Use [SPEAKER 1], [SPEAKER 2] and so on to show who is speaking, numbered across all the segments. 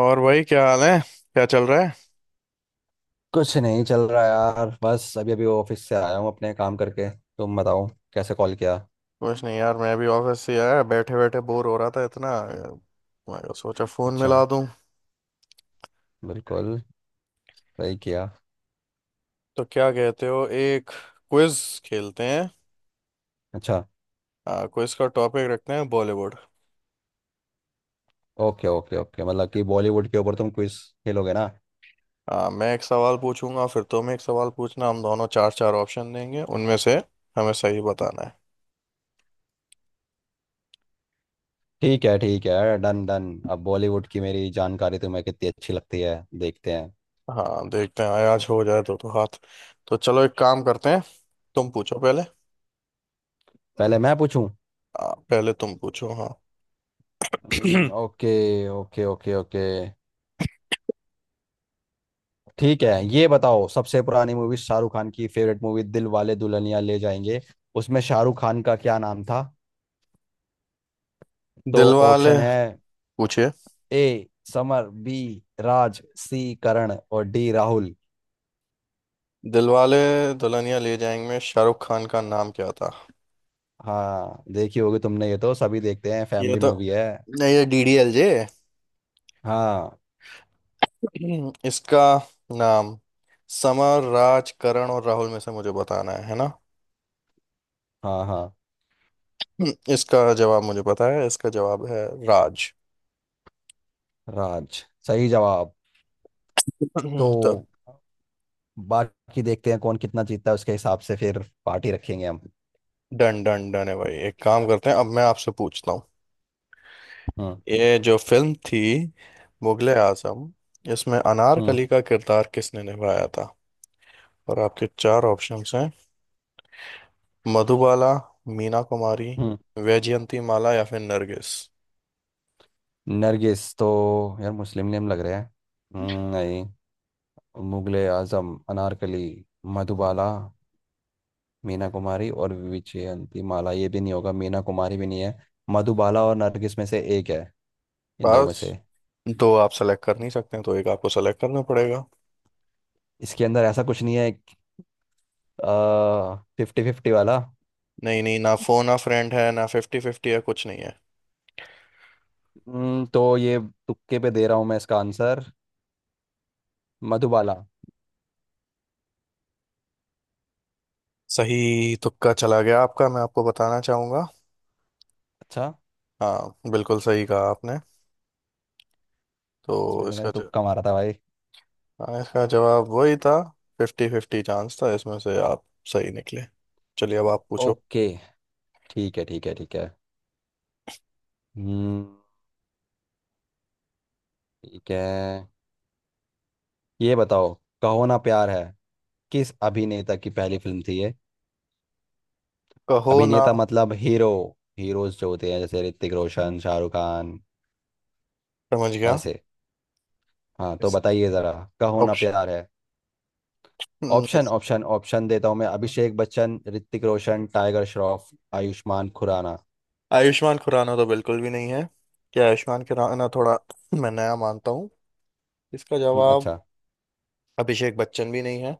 [SPEAKER 1] और भाई क्या हाल है। क्या चल रहा है।
[SPEAKER 2] कुछ नहीं चल रहा यार। बस अभी अभी ऑफिस से आया हूँ अपने काम करके। तुम बताओ कैसे कॉल किया।
[SPEAKER 1] कुछ नहीं यार, मैं भी ऑफिस से आया, बैठे बैठे बोर हो रहा था इतना। मैं कहा, सोचा फोन
[SPEAKER 2] अच्छा।
[SPEAKER 1] मिला दूं।
[SPEAKER 2] बिल्कुल। सही किया।
[SPEAKER 1] तो क्या कहते हो, एक क्विज खेलते हैं।
[SPEAKER 2] अच्छा।
[SPEAKER 1] क्विज का टॉपिक रखते हैं बॉलीवुड।
[SPEAKER 2] ओके, ओके, ओके, मतलब कि बॉलीवुड के ऊपर तुम क्विज खेलोगे ना।
[SPEAKER 1] मैं एक सवाल पूछूंगा, फिर तुम एक सवाल पूछना, हम दोनों चार चार ऑप्शन देंगे, उनमें से हमें सही बताना है।
[SPEAKER 2] ठीक है, ठीक है, डन डन। अब बॉलीवुड की मेरी जानकारी तुम्हें कितनी अच्छी लगती है, देखते हैं।
[SPEAKER 1] हाँ देखते हैं, आज हो जाए तो हाथ। तो चलो एक काम करते हैं, तुम पूछो पहले।
[SPEAKER 2] पहले मैं पूछूं।
[SPEAKER 1] पहले तुम पूछो हाँ।
[SPEAKER 2] Okay, okay, okay, okay. ठीक है। ये बताओ, सबसे पुरानी मूवी शाहरुख खान की favourite movie Dilwale Dulhania Le जाएंगे, उसमें शाहरुख खान का क्या नाम था? तो
[SPEAKER 1] दिलवाले,
[SPEAKER 2] ऑप्शन है।
[SPEAKER 1] पूछिए।
[SPEAKER 2] A Samar, B Raj, C Karan और डी राहुल।
[SPEAKER 1] दिलवाले दुल्हनिया ले जाएंगे में शाहरुख खान का नाम क्या था।
[SPEAKER 2] हाँ देखी होगी तुमने, ये तो सभी देखते हैं,
[SPEAKER 1] ये
[SPEAKER 2] फैमिली
[SPEAKER 1] तो
[SPEAKER 2] मूवी है।
[SPEAKER 1] नहीं, ये डीडीएलजे।
[SPEAKER 2] हाँ,
[SPEAKER 1] इसका नाम समर, राज, करण और राहुल में से मुझे बताना है ना।
[SPEAKER 2] हाँ, हाँ।
[SPEAKER 1] इसका जवाब मुझे पता है, इसका जवाब है राज।
[SPEAKER 2] राज सही जवाब। तो
[SPEAKER 1] तो
[SPEAKER 2] बाकी देखते हैं कौन कितना जीतता है, उसके हिसाब से फिर पार्टी रखेंगे हम।
[SPEAKER 1] डन डन डन है भाई, एक काम करते हैं, अब मैं आपसे पूछता हूँ।
[SPEAKER 2] हम्म
[SPEAKER 1] ये जो फिल्म थी, मुगले आजम, इसमें
[SPEAKER 2] हम्म
[SPEAKER 1] अनारकली का किरदार किसने निभाया था। और आपके चार ऑप्शंस हैं, मधुबाला, मीना कुमारी,
[SPEAKER 2] हम्म
[SPEAKER 1] वैजयंती माला या फिर नरगिस।
[SPEAKER 2] नरगिस तो, यार मुस्लिम नेम लग रहा है। नहीं। मुगले आजम अनारकली। मधुबाला, मीना कुमारी और विजयंती माला, ये भी नहीं होगा, मीना कुमारी भी नहीं है। मधुबाला और नरगिस में से एक है, इन दो में
[SPEAKER 1] बस
[SPEAKER 2] से।
[SPEAKER 1] दो आप सेलेक्ट कर नहीं सकते हैं, तो एक आपको सेलेक्ट करना पड़ेगा।
[SPEAKER 2] इसके अंदर ऐसा कुछ नहीं है, फिफ्टी फिफ्टी वाला।
[SPEAKER 1] नहीं नहीं, ना फोन, ना फ्रेंड है, ना फिफ्टी फिफ्टी है, कुछ नहीं है।
[SPEAKER 2] तो ये तुक्के पे दे रहा हूँ मैं इसका आंसर। मधुबाला।
[SPEAKER 1] सही तुक्का चला गया आपका, मैं आपको बताना चाहूंगा।
[SPEAKER 2] अच्छा,
[SPEAKER 1] हाँ बिल्कुल सही कहा आपने। तो
[SPEAKER 2] इसमें तो
[SPEAKER 1] इसका
[SPEAKER 2] मैंने
[SPEAKER 1] ज...
[SPEAKER 2] तुक्का मारा था भाई।
[SPEAKER 1] हाँ, इसका जवाब वही था। फिफ्टी फिफ्टी चांस था, इसमें से आप सही निकले। चलिए अब
[SPEAKER 2] ओ-
[SPEAKER 1] आप पूछो।
[SPEAKER 2] ओके। ठीक है, ठीक है, ठीक है। हम्म ठीक है। ये बताओ, कहो ना प्यार है किस अभिनेता की पहली फिल्म थी ये?
[SPEAKER 1] कहो ना,
[SPEAKER 2] अभिनेता मतलब हीरो। हीरोज जो होते हैं जैसे ऋतिक रोशन, शाहरुख खान,
[SPEAKER 1] समझ गया।
[SPEAKER 2] ऐसे। हाँ, तो
[SPEAKER 1] इस
[SPEAKER 2] बताइए जरा। कहो ना प्यार है।
[SPEAKER 1] ऑप्शन,
[SPEAKER 2] ऑप्शन, ऑप्शन, ऑप्शन देता हूँ मैं। अभिषेक बच्चन, ऋतिक रोशन, टाइगर श्रॉफ, आयुष्मान खुराना।
[SPEAKER 1] आयुष्मान खुराना तो बिल्कुल भी नहीं है। क्या आयुष्मान खुराना, थोड़ा मैं नया मानता हूँ इसका जवाब।
[SPEAKER 2] अच्छा।
[SPEAKER 1] अभिषेक बच्चन भी नहीं है,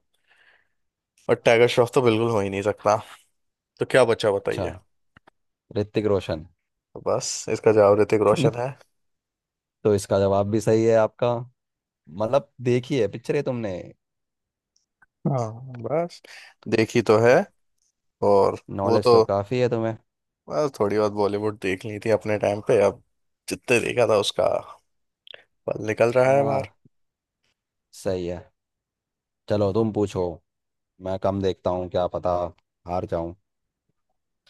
[SPEAKER 1] और टाइगर श्रॉफ तो बिल्कुल हो ही नहीं सकता। तो क्या बचा
[SPEAKER 2] अच्छा।
[SPEAKER 1] बताइए।
[SPEAKER 2] ऋतिक रोशन।
[SPEAKER 1] तो बस इसका जवाब ऋतिक रोशन है।
[SPEAKER 2] तो इसका जवाब भी सही है आपका। मतलब देखी है, पिक्चर है तुमने।
[SPEAKER 1] हाँ, बस देखी तो है। और वो
[SPEAKER 2] नॉलेज तो
[SPEAKER 1] तो
[SPEAKER 2] काफ़ी है तुम्हें।
[SPEAKER 1] बस थोड़ी बहुत बॉलीवुड देख ली थी अपने टाइम पे, अब जितने देखा था उसका पल निकल रहा है बाहर।
[SPEAKER 2] हाँ सही है, चलो तुम पूछो। मैं कम देखता हूँ, क्या पता हार जाऊं।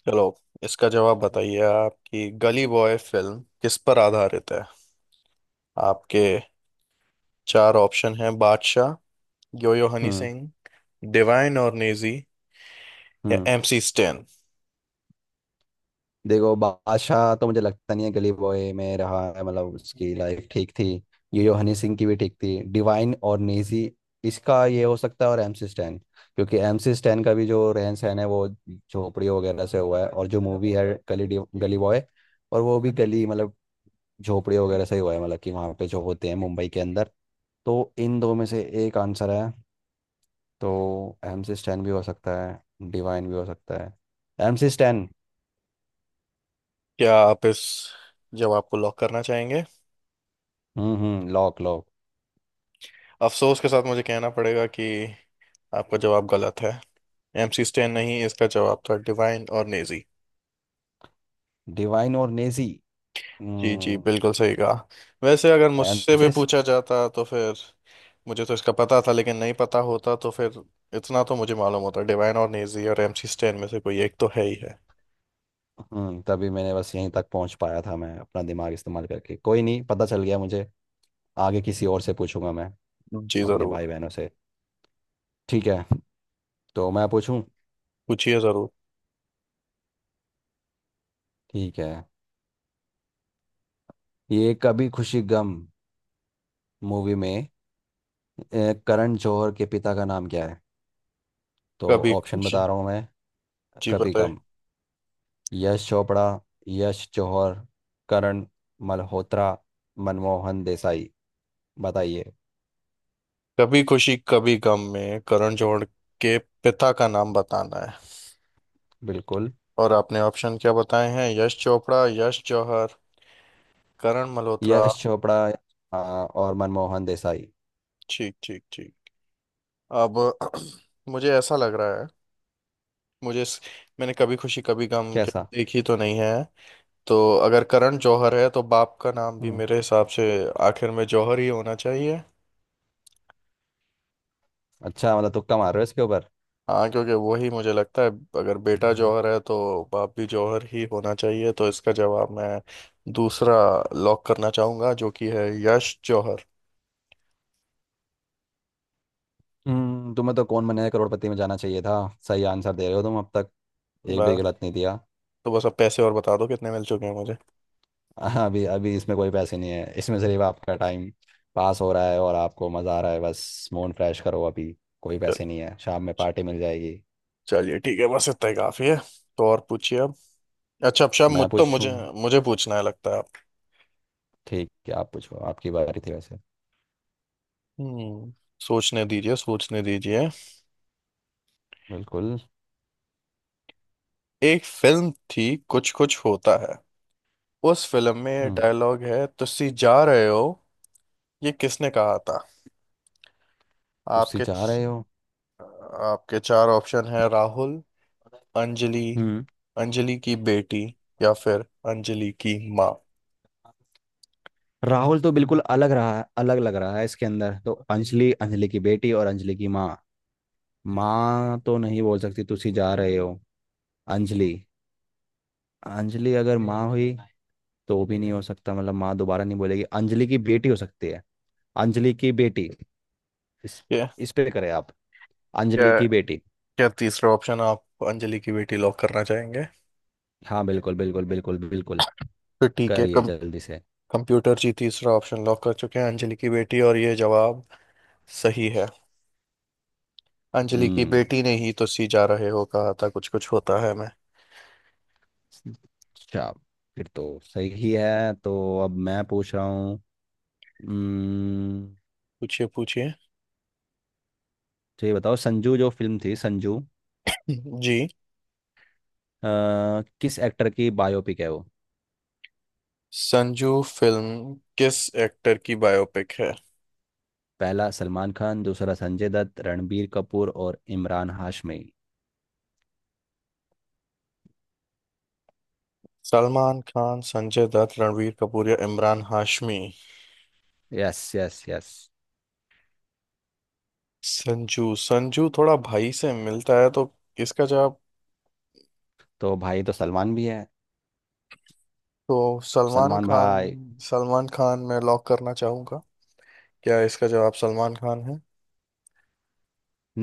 [SPEAKER 1] चलो, इसका जवाब बताइए। आपकी गली बॉय फिल्म किस पर आधारित है। आपके चार ऑप्शन है, बादशाह, यो यो हनी
[SPEAKER 2] हम्म
[SPEAKER 1] सिंह, डिवाइन और नेजी, या
[SPEAKER 2] हम्म
[SPEAKER 1] एमसी स्टैन।
[SPEAKER 2] देखो, बादशाह तो मुझे लगता नहीं है गली बॉय में रहा है, मतलब उसकी लाइफ ठीक थी। ये जो हनी सिंह की भी ठीक थी। डिवाइन और नेजी, इसका ये हो सकता है, और एमसी स्टैन। क्योंकि एमसी स्टैन का भी जो रहन सहन है वो झोपड़ी वगैरह से हुआ है, और जो मूवी है गली बॉय, और वो भी गली मतलब झोपड़ी वगैरह से ही हुआ है, मतलब कि वहाँ पे जो होते हैं मुंबई के अंदर। तो इन दो में से एक आंसर है। तो एमसी स्टैन भी हो सकता है, डिवाइन भी हो सकता है। एमसी स्टैन।
[SPEAKER 1] क्या आप इस जवाब को लॉक करना चाहेंगे।
[SPEAKER 2] हम्म, हम्म, लॉक।
[SPEAKER 1] अफसोस के साथ मुझे कहना पड़ेगा कि आपका जवाब गलत है। एमसी स्टैन नहीं, इसका जवाब था डिवाइन और नेजी।
[SPEAKER 2] डिवाइन और नेजी।
[SPEAKER 1] जी जी,
[SPEAKER 2] हम्म।
[SPEAKER 1] बिल्कुल सही कहा। वैसे अगर मुझसे भी
[SPEAKER 2] एमसेस।
[SPEAKER 1] पूछा जाता तो फिर, मुझे तो इसका पता था, लेकिन नहीं पता होता तो फिर इतना तो मुझे मालूम होता, डिवाइन और नेजी और एमसी स्टैन में से कोई एक तो है ही है।
[SPEAKER 2] तभी मैंने बस यहीं तक पहुंच पाया था, मैं अपना दिमाग इस्तेमाल करके कोई नहीं, पता चल गया मुझे। आगे किसी और से पूछूंगा मैं,
[SPEAKER 1] जी
[SPEAKER 2] अपने
[SPEAKER 1] जरूर,
[SPEAKER 2] भाई बहनों से। ठीक है। तो मैं पूछूं?
[SPEAKER 1] पूछिए जरूर।
[SPEAKER 2] ठीक है। ये कभी खुशी गम मूवी में, करण जौहर के पिता का नाम क्या है? तो
[SPEAKER 1] कभी
[SPEAKER 2] ऑप्शन बता
[SPEAKER 1] खुशी,
[SPEAKER 2] रहा हूँ मैं।
[SPEAKER 1] जी
[SPEAKER 2] कभी
[SPEAKER 1] बताए।
[SPEAKER 2] गम। यश चोपड़ा, यश जौहर, करण मल्होत्रा, मनमोहन देसाई। बताइए।
[SPEAKER 1] कभी खुशी कभी गम में करण जौहर के पिता का नाम बताना है।
[SPEAKER 2] बिल्कुल।
[SPEAKER 1] और आपने ऑप्शन क्या बताए हैं, यश चोपड़ा, यश जौहर, करण मल्होत्रा।
[SPEAKER 2] यश चोपड़ा, हाँ, और मनमोहन देसाई।
[SPEAKER 1] ठीक ठीक ठीक। अब मुझे ऐसा लग रहा है, मुझे इस- मैंने कभी खुशी कभी गम के-
[SPEAKER 2] कैसा?
[SPEAKER 1] देखी तो नहीं है, तो अगर करण जौहर है तो बाप का नाम भी
[SPEAKER 2] हम्म,
[SPEAKER 1] मेरे हिसाब से आखिर में जौहर ही होना चाहिए।
[SPEAKER 2] अच्छा, मतलब तुक्का मार रहे हो इसके ऊपर।
[SPEAKER 1] हाँ क्योंकि वही मुझे लगता है, अगर बेटा जौहर है तो बाप भी जौहर ही होना चाहिए, तो इसका जवाब मैं दूसरा लॉक करना चाहूंगा, जो कि है यश जौहर।
[SPEAKER 2] तुम्हें तो कौन बनेगा करोड़पति में जाना चाहिए था। सही आंसर दे रहे हो तुम अब तक, एक भी
[SPEAKER 1] बस,
[SPEAKER 2] गलत नहीं दिया।
[SPEAKER 1] तो बस अब पैसे और बता दो कितने मिल चुके हैं मुझे।
[SPEAKER 2] हाँ, अभी अभी इसमें कोई पैसे नहीं है, इसमें सिर्फ आपका टाइम पास हो रहा है और आपको मज़ा आ रहा है। बस मूड फ्रेश करो अभी, कोई
[SPEAKER 1] चलो,
[SPEAKER 2] पैसे नहीं है। शाम में पार्टी मिल जाएगी।
[SPEAKER 1] चलिए ठीक है, बस इतना ही काफी है। तो और पूछिए अब। अच्छा अब शायद
[SPEAKER 2] मैं
[SPEAKER 1] मुझ तो
[SPEAKER 2] पूछूं?
[SPEAKER 1] मुझे, मुझे पूछना है लगता है आप।
[SPEAKER 2] ठीक है आप पूछो, आपकी बारी थी वैसे।
[SPEAKER 1] हम्म, सोचने दीजिए सोचने दीजिए।
[SPEAKER 2] बिल्कुल।
[SPEAKER 1] एक फिल्म थी, कुछ कुछ होता है, उस फिल्म में
[SPEAKER 2] हम्म
[SPEAKER 1] डायलॉग है तुसी जा रहे हो, ये किसने कहा था।
[SPEAKER 2] तुस्सी
[SPEAKER 1] आपके
[SPEAKER 2] चाह रहे हो।
[SPEAKER 1] आपके चार ऑप्शन है, राहुल, अंजलि,
[SPEAKER 2] हम्म
[SPEAKER 1] अंजलि की बेटी, या फिर अंजलि की माँ।
[SPEAKER 2] राहुल तो बिल्कुल अलग रहा है, अलग लग रहा है इसके अंदर। तो अंजलि, अंजलि की बेटी और अंजलि की माँ। माँ तो नहीं बोल सकती तुसी जा रहे हो। अंजलि। अंजलि अगर माँ हुई तो वो भी नहीं हो सकता, मतलब माँ दोबारा नहीं बोलेगी। अंजलि की बेटी हो सकती है। अंजलि की बेटी। इस
[SPEAKER 1] क्या,
[SPEAKER 2] इस पे करें आप?
[SPEAKER 1] क्या,
[SPEAKER 2] अंजलि की बेटी।
[SPEAKER 1] क्या तीसरा ऑप्शन आप अंजलि की बेटी लॉक करना चाहेंगे।
[SPEAKER 2] हाँ, बिल्कुल, बिल्कुल, बिल्कुल, बिल्कुल।
[SPEAKER 1] तो ठीक है,
[SPEAKER 2] करिए जल्दी से।
[SPEAKER 1] कंप्यूटर जी तीसरा ऑप्शन लॉक कर चुके हैं अंजलि की बेटी, और ये जवाब सही है। अंजलि की
[SPEAKER 2] हम्म,
[SPEAKER 1] बेटी ने ही तो सी जा रहे हो कहा था कुछ कुछ होता है मैं।
[SPEAKER 2] अच्छा, फिर तो सही ही है। तो अब मैं पूछ रहा हूँ। हम्म,
[SPEAKER 1] पूछिए पूछिए।
[SPEAKER 2] तो ये बताओ, संजू जो फिल्म थी, संजू
[SPEAKER 1] जी,
[SPEAKER 2] किस एक्टर की बायोपिक है वो?
[SPEAKER 1] संजू फिल्म किस एक्टर की बायोपिक है।
[SPEAKER 2] पहला सलमान खान, दूसरा संजय दत्त, रणबीर कपूर और इमरान हाशमी।
[SPEAKER 1] सलमान खान, संजय दत्त, रणवीर कपूर या Imran Hashmi.
[SPEAKER 2] Yes, yes, yes.
[SPEAKER 1] Sanju Sanju थोड़ा भाई से मिलता है, तो इसका जवाब,
[SPEAKER 2] तो भाई, तो सलमान भी है।
[SPEAKER 1] तो सलमान
[SPEAKER 2] सलमान
[SPEAKER 1] खान,
[SPEAKER 2] भाई।
[SPEAKER 1] सलमान खान मैं लॉक करना चाहूंगा। क्या इसका जवाब सलमान खान है।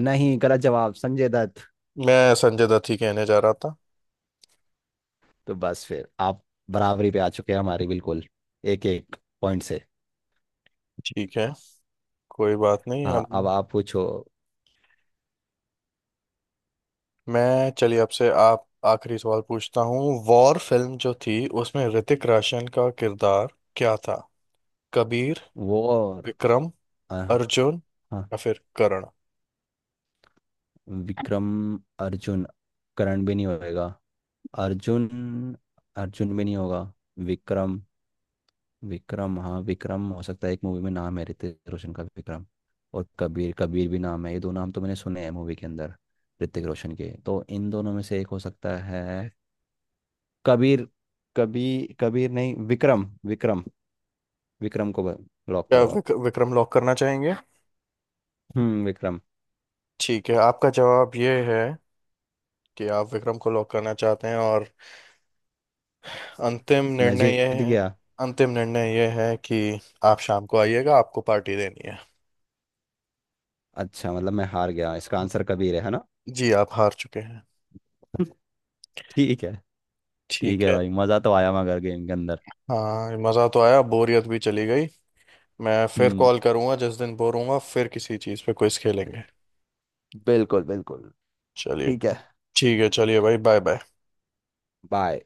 [SPEAKER 2] नहीं, गलत जवाब। संजय दत्त।
[SPEAKER 1] मैं संजय दत्त ही कहने जा रहा था।
[SPEAKER 2] तो बस फिर आप बराबरी पे आ चुके हैं हमारी, बिल्कुल। एक एक पॉइंट से।
[SPEAKER 1] ठीक है, कोई बात नहीं हम।
[SPEAKER 2] हाँ, अब आप पूछो।
[SPEAKER 1] मैं, चलिए आपसे, आप आखिरी सवाल पूछता हूँ। वॉर फिल्म जो थी उसमें ऋतिक रोशन का किरदार क्या था। कबीर,
[SPEAKER 2] वो और
[SPEAKER 1] विक्रम,
[SPEAKER 2] अ,
[SPEAKER 1] अर्जुन,
[SPEAKER 2] हाँ,
[SPEAKER 1] या फिर करण।
[SPEAKER 2] विक्रम, अर्जुन, करण भी नहीं होएगा। अर्जुन, अर्जुन में नहीं होगा। विक्रम, विक्रम, हाँ विक्रम हो सकता है। एक मूवी में नाम है ऋतिक रोशन का विक्रम। और कबीर, कबीर भी नाम है। ये दो नाम तो मैंने सुने हैं मूवी के अंदर ऋतिक रोशन के। तो इन दोनों में से एक हो सकता है। कबीर। कबीर, कबीर नहीं, विक्रम, विक्रम। विक्रम को लॉक
[SPEAKER 1] क्या
[SPEAKER 2] करो आप।
[SPEAKER 1] विक्रम लॉक करना चाहेंगे।
[SPEAKER 2] हम्म, विक्रम।
[SPEAKER 1] ठीक है, आपका जवाब ये है कि आप विक्रम को लॉक करना चाहते हैं, और अंतिम
[SPEAKER 2] मैं
[SPEAKER 1] निर्णय ये
[SPEAKER 2] जीत
[SPEAKER 1] है,
[SPEAKER 2] गया?
[SPEAKER 1] अंतिम निर्णय ये है कि आप शाम को आइएगा, आपको पार्टी देनी है।
[SPEAKER 2] अच्छा, मतलब मैं हार गया, इसका आंसर कबीर है ना?
[SPEAKER 1] जी आप हार चुके हैं।
[SPEAKER 2] ठीक है। ठीक
[SPEAKER 1] ठीक
[SPEAKER 2] है
[SPEAKER 1] है।
[SPEAKER 2] भाई, मज़ा तो आया मगर गेम के अंदर।
[SPEAKER 1] हाँ मज़ा तो आया, बोरियत भी चली गई। मैं फिर
[SPEAKER 2] हम्म,
[SPEAKER 1] कॉल करूंगा जिस दिन बोर होऊंगा, फिर किसी चीज़ पे क्विज खेलेंगे।
[SPEAKER 2] बिल्कुल, बिल्कुल।
[SPEAKER 1] चलिए
[SPEAKER 2] ठीक है।
[SPEAKER 1] ठीक है, चलिए भाई बाय बाय।
[SPEAKER 2] बाय।